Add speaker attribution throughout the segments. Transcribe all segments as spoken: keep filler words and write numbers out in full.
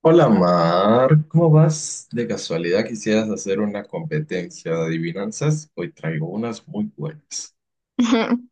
Speaker 1: Hola Mar, ¿cómo vas? De casualidad quisieras hacer una competencia de adivinanzas. Hoy traigo unas muy buenas.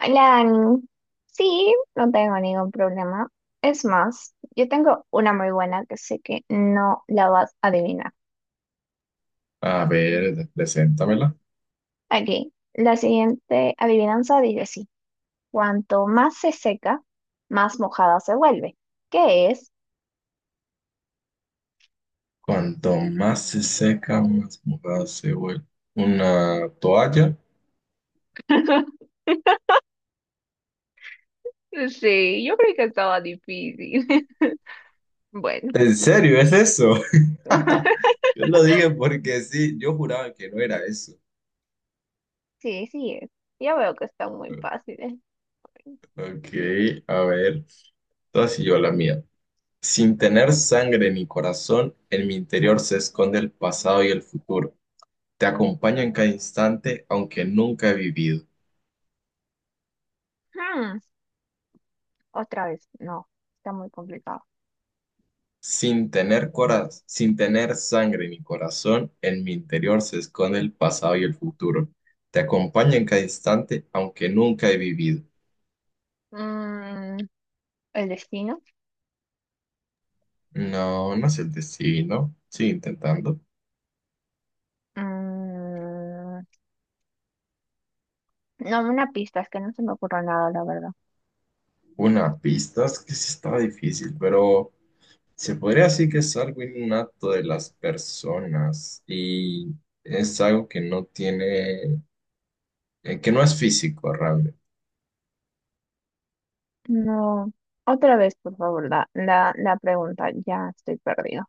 Speaker 2: Hola, Dani. Sí, no tengo ningún problema. Es más, yo tengo una muy buena que sé que no la vas a adivinar.
Speaker 1: A ver, preséntamela.
Speaker 2: Aquí, la siguiente adivinanza dice así: cuanto más se seca, más mojada se vuelve. ¿Qué es?
Speaker 1: Cuanto más se seca, más mojada se vuelve. Una toalla.
Speaker 2: Sí, yo creí que estaba difícil. Bueno.
Speaker 1: ¿En serio es eso? Yo lo dije porque sí, yo juraba que no era eso.
Speaker 2: Sí, sí es. Yo veo que está muy fácil. ¿Eh?
Speaker 1: Ok, a ver, entonces yo la mía. Sin tener sangre ni corazón, en mi interior se esconde el pasado y el futuro. Te acompaña en cada instante, aunque nunca he vivido.
Speaker 2: Hmm, Otra vez, no, está muy complicado.
Speaker 1: Sin tener cora- sin tener sangre ni corazón, en mi interior se esconde el pasado y el futuro. Te acompaña en cada instante, aunque nunca he vivido.
Speaker 2: Mm, ¿El destino?
Speaker 1: No, no es el destino. Sigue intentando.
Speaker 2: Mm, no, una pista, es que no se me ocurre nada, la verdad.
Speaker 1: Una pista es que sí estaba difícil, pero se podría decir que es algo innato de las personas y es algo que no tiene, eh, que no es físico realmente.
Speaker 2: No. Otra vez, por favor, la, la, la pregunta. Ya estoy perdido.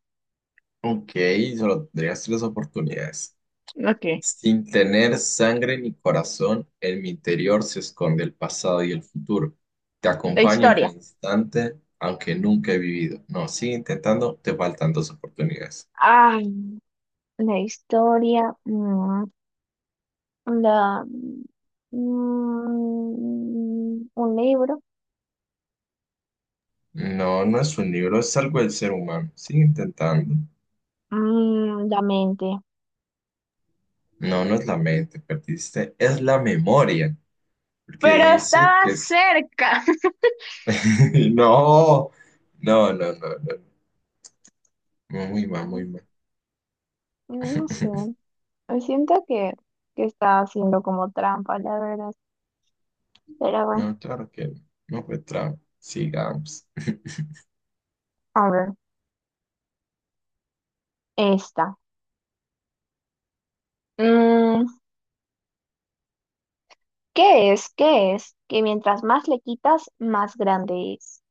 Speaker 1: Ok, solo tendrías tres oportunidades.
Speaker 2: Ok.
Speaker 1: Sin tener sangre ni corazón, en mi interior se esconde el pasado y el futuro. Te
Speaker 2: La
Speaker 1: acompaño en cada
Speaker 2: historia.
Speaker 1: instante, aunque nunca he vivido. No, sigue intentando, te faltan dos oportunidades.
Speaker 2: Ay, la historia. mm, la, mm, un libro.
Speaker 1: No, no es un libro, es algo del ser humano. Sigue intentando.
Speaker 2: Mm, la mente.
Speaker 1: No, no es la mente, perdiste. Es la memoria, porque
Speaker 2: Pero
Speaker 1: dice
Speaker 2: estaba
Speaker 1: que es...
Speaker 2: cerca.
Speaker 1: No, no, no, no, no. Muy mal, muy mal.
Speaker 2: Mm, No sé. Siento que, que estaba haciendo como trampa, la verdad. Pero bueno,
Speaker 1: No, claro que no. No fue trap. Sigamos.
Speaker 2: a ver. Esta. Mm, ¿Qué es? ¿Qué es? Que mientras más le quitas, más grande es.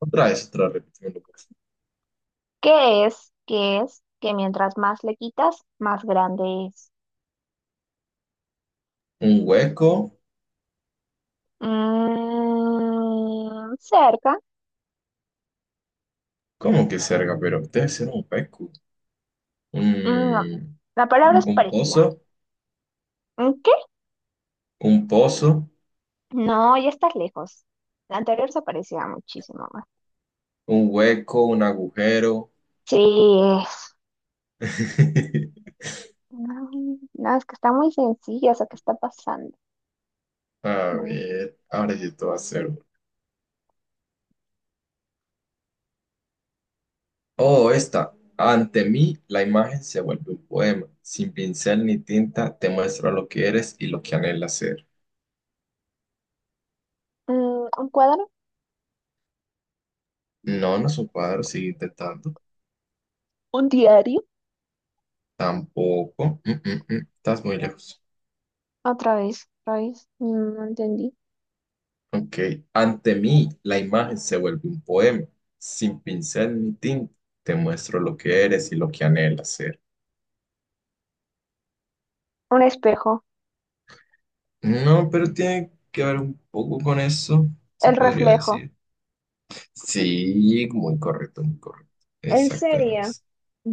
Speaker 1: Otra vez, otra repetimos.
Speaker 2: ¿Qué es? ¿Qué es? Que mientras más le quitas, más grande es.
Speaker 1: Un hueco.
Speaker 2: Mm, cerca.
Speaker 1: ¿Cómo que cerca? Pero ustedes hicieron un hueco.
Speaker 2: Mm, no.
Speaker 1: Un,
Speaker 2: La palabra es
Speaker 1: un
Speaker 2: parecida.
Speaker 1: pozo.
Speaker 2: ¿Mm, ¿Qué?
Speaker 1: Un pozo.
Speaker 2: No, ya estás lejos. La anterior se parecía muchísimo más.
Speaker 1: Un hueco. Un agujero.
Speaker 2: Sí, es. No, no, es que está muy sencilla eso que está pasando.
Speaker 1: A
Speaker 2: No.
Speaker 1: ver. Ahora sí te va a hacer. Oh, esta. Ante mí, la imagen se vuelve un poema. Sin pincel ni tinta, te muestro lo que eres y lo que anhelas ser.
Speaker 2: Mm, ¿un cuadro?
Speaker 1: No, no es un cuadro, sigue intentando.
Speaker 2: ¿Un diario?
Speaker 1: Tampoco. Mm, mm, mm. Estás muy lejos.
Speaker 2: Otra vez, otra vez. Mm, No entendí.
Speaker 1: Ok. Ante mí, la imagen se vuelve un poema. Sin pincel ni tinta, te muestro lo que eres y lo que anhelas ser.
Speaker 2: Un espejo,
Speaker 1: No, pero tiene que ver un poco con eso, se
Speaker 2: el
Speaker 1: podría
Speaker 2: reflejo.
Speaker 1: decir. Sí, muy correcto, muy correcto.
Speaker 2: ¿En
Speaker 1: Exacto, era
Speaker 2: serio?
Speaker 1: eso.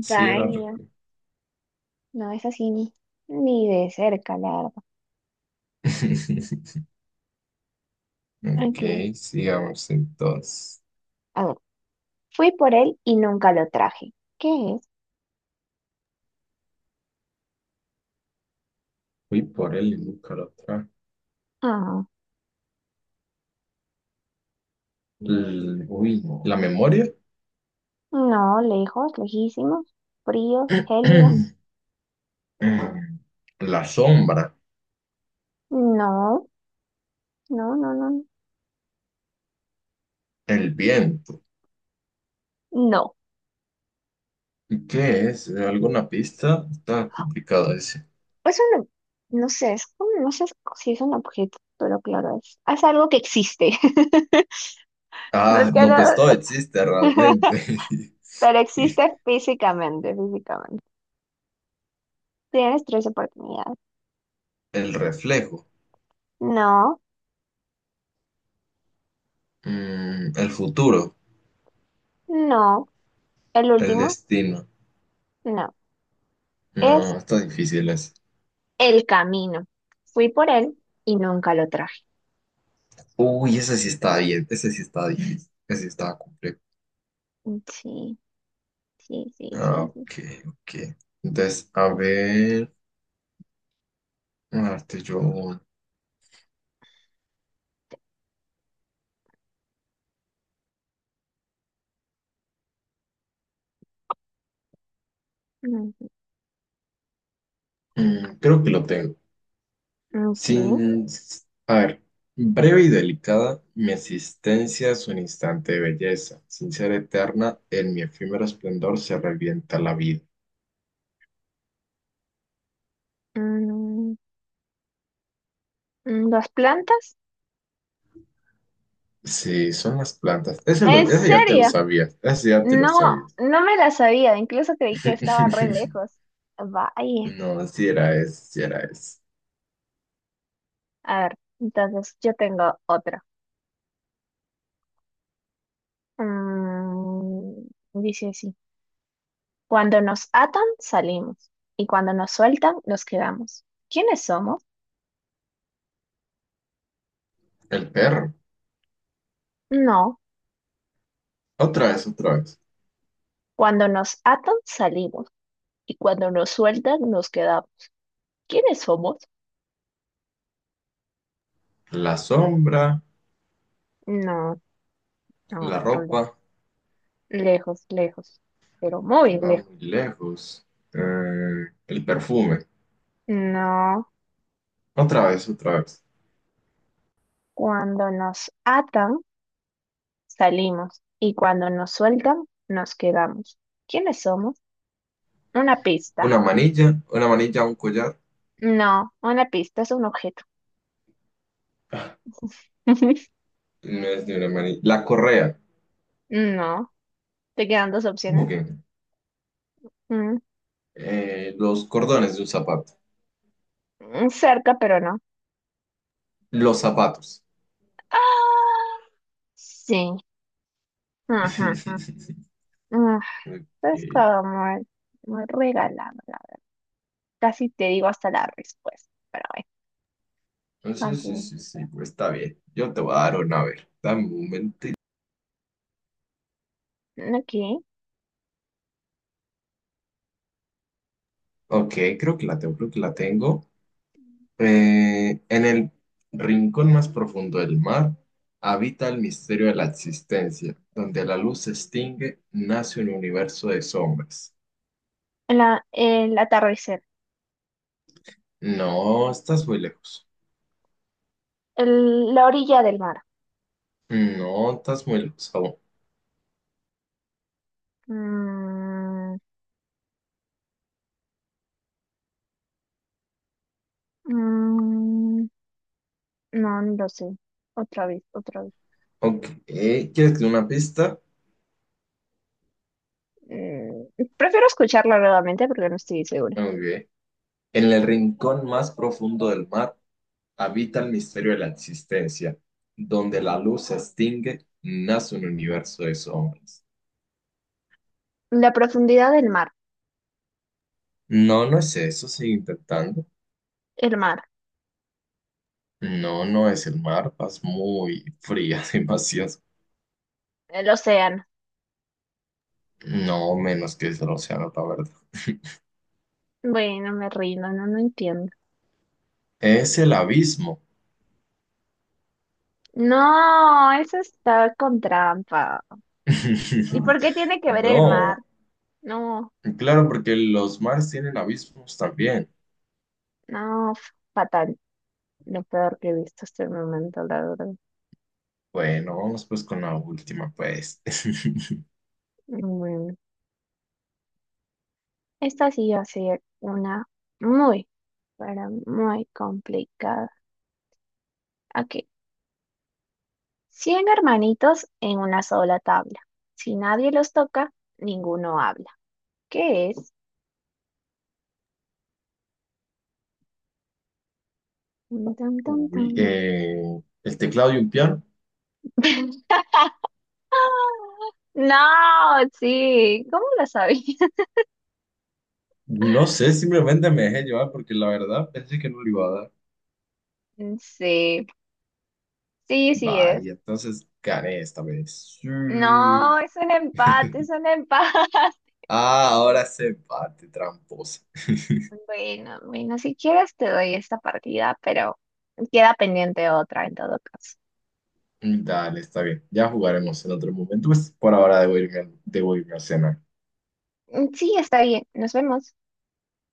Speaker 1: Sí, era al revés.
Speaker 2: no es así ni, ni de cerca, la verdad.
Speaker 1: Ok,
Speaker 2: Ok.
Speaker 1: sigamos entonces.
Speaker 2: A ver, fui por él y nunca lo traje. ¿Qué es?
Speaker 1: Uy, por él y nunca lo trae.
Speaker 2: Ah,
Speaker 1: L- Uy, no. ¿La memoria?
Speaker 2: no, lejos, lejísimos, frío, gélido.
Speaker 1: mm, la sombra,
Speaker 2: No, no, no, no,
Speaker 1: el viento.
Speaker 2: no.
Speaker 1: ¿Y qué es? ¿Alguna pista? Está complicado ese.
Speaker 2: Eso no, no sé, es como, no sé si es un objeto, pero claro, es, es algo que existe. No
Speaker 1: Ah,
Speaker 2: es que
Speaker 1: no,
Speaker 2: no,
Speaker 1: pues todo existe realmente.
Speaker 2: pero existe físicamente, físicamente. Tienes tres oportunidades.
Speaker 1: El reflejo,
Speaker 2: No,
Speaker 1: mm, el futuro,
Speaker 2: no, el
Speaker 1: el
Speaker 2: último,
Speaker 1: destino.
Speaker 2: no, es
Speaker 1: No, está difícil ese.
Speaker 2: el camino. Fui por él y nunca lo traje.
Speaker 1: Uy, ese sí está bien, ese sí está difícil, ese sí está complejo.
Speaker 2: Sí, sí, sí,
Speaker 1: Ah,
Speaker 2: sí, sí.
Speaker 1: ok, ok. Entonces, a ver, a darte yo. Un-
Speaker 2: Mm,
Speaker 1: mm, creo que lo tengo.
Speaker 2: ok.
Speaker 1: Sin, A ver, breve y delicada, mi existencia es un instante de belleza. Sin ser eterna, en mi efímero esplendor se revienta la vida.
Speaker 2: Mm, mm, ¿Las plantas?
Speaker 1: Sí, son las plantas. Ese, lo,
Speaker 2: ¿En
Speaker 1: ese ya te lo
Speaker 2: serio?
Speaker 1: sabías. Ese ya te lo
Speaker 2: No,
Speaker 1: sabías.
Speaker 2: no me las sabía, incluso creí que estaba re lejos. Vaya.
Speaker 1: No, si era ese, si era ese.
Speaker 2: A ver, entonces yo tengo otra. Mm, Dice así, cuando nos atan, salimos, y cuando nos sueltan, nos quedamos. ¿Quiénes somos?
Speaker 1: El perro.
Speaker 2: No,
Speaker 1: Otra vez, otra vez.
Speaker 2: cuando nos atan salimos y cuando nos sueltan nos quedamos. ¿Quiénes somos?
Speaker 1: La sombra,
Speaker 2: No, no,
Speaker 1: la
Speaker 2: Rula.
Speaker 1: ropa,
Speaker 2: Lejos, lejos, pero muy
Speaker 1: va
Speaker 2: lejos.
Speaker 1: muy lejos. Eh, el perfume.
Speaker 2: No,
Speaker 1: Otra vez, otra vez.
Speaker 2: cuando nos atan salimos y cuando nos sueltan nos quedamos. ¿Quiénes somos? Una
Speaker 1: Una
Speaker 2: pista.
Speaker 1: manilla, una manilla, un collar.
Speaker 2: No, una pista es un objeto.
Speaker 1: No es ni una mani- La correa.
Speaker 2: No, te quedan dos
Speaker 1: ¿Cómo
Speaker 2: opciones.
Speaker 1: que?
Speaker 2: Mm,
Speaker 1: Eh, los cordones de un zapato.
Speaker 2: mm, Cerca, pero no.
Speaker 1: Los zapatos.
Speaker 2: Ah, sí. Ujú, ujú, ujú.
Speaker 1: Ok.
Speaker 2: Estaba muy, muy regalado, la verdad. Casi te digo hasta la respuesta, pero bueno,
Speaker 1: Entonces, sí,
Speaker 2: continúo.
Speaker 1: sí, sí, pues está bien. Yo te voy a dar una, a ver. Dame un momento.
Speaker 2: Ok.
Speaker 1: Ok, creo que la tengo, creo que la tengo. Eh, en el rincón más profundo del mar habita el misterio de la existencia. Donde la luz se extingue, nace un universo de sombras.
Speaker 2: La, el atardecer.
Speaker 1: No, estás muy lejos.
Speaker 2: El- la orilla del mar.
Speaker 1: No, estás muy lejos.
Speaker 2: Mm, mm, no, no lo sé. Otra vez, otra vez.
Speaker 1: Ok, ¿quieres que una pista?
Speaker 2: Mm, Prefiero escucharla nuevamente porque no estoy segura.
Speaker 1: Ok. En el rincón más profundo del mar habita el misterio de la existencia. Donde la luz se extingue, nace un universo de sombras.
Speaker 2: La profundidad del mar.
Speaker 1: No, no es eso, sigue intentando.
Speaker 2: El mar.
Speaker 1: No, no es el mar, vas muy fría, demasiado.
Speaker 2: El océano.
Speaker 1: No, menos que es el océano, la verdad.
Speaker 2: Bueno, me rindo, no, no entiendo.
Speaker 1: Es el abismo.
Speaker 2: No, eso está con trampa. ¿Y por qué tiene que ver el mar?
Speaker 1: No,
Speaker 2: No.
Speaker 1: claro, porque los mares tienen abismos también.
Speaker 2: No, f- fatal. Lo peor que he visto hasta el momento, la verdad.
Speaker 1: Bueno, vamos pues con la última, pues.
Speaker 2: Mm, Esta sí va a ser una muy, pero muy complicada. Ok. Cien hermanitos en una sola tabla. Si nadie los toca, ninguno habla. ¿Qué es? Tun, tun, tun,
Speaker 1: Uy,
Speaker 2: tun.
Speaker 1: eh, el teclado y un piano.
Speaker 2: No, sí. ¿Cómo lo sabía?
Speaker 1: No sé, simplemente me dejé llevar porque la verdad pensé que no le iba a dar.
Speaker 2: Sí, sí, sí es.
Speaker 1: Vaya, entonces gané esta vez. Sí.
Speaker 2: No, es un empate, es un empate.
Speaker 1: Ah, ahora se empate, tramposa.
Speaker 2: Bueno, bueno, si quieres te doy esta partida, pero queda pendiente otra en todo caso.
Speaker 1: Dale, está bien. Ya jugaremos en otro momento. Pues por ahora debo irme, a- debo irme a cenar.
Speaker 2: Mm, Sí, está bien, nos vemos.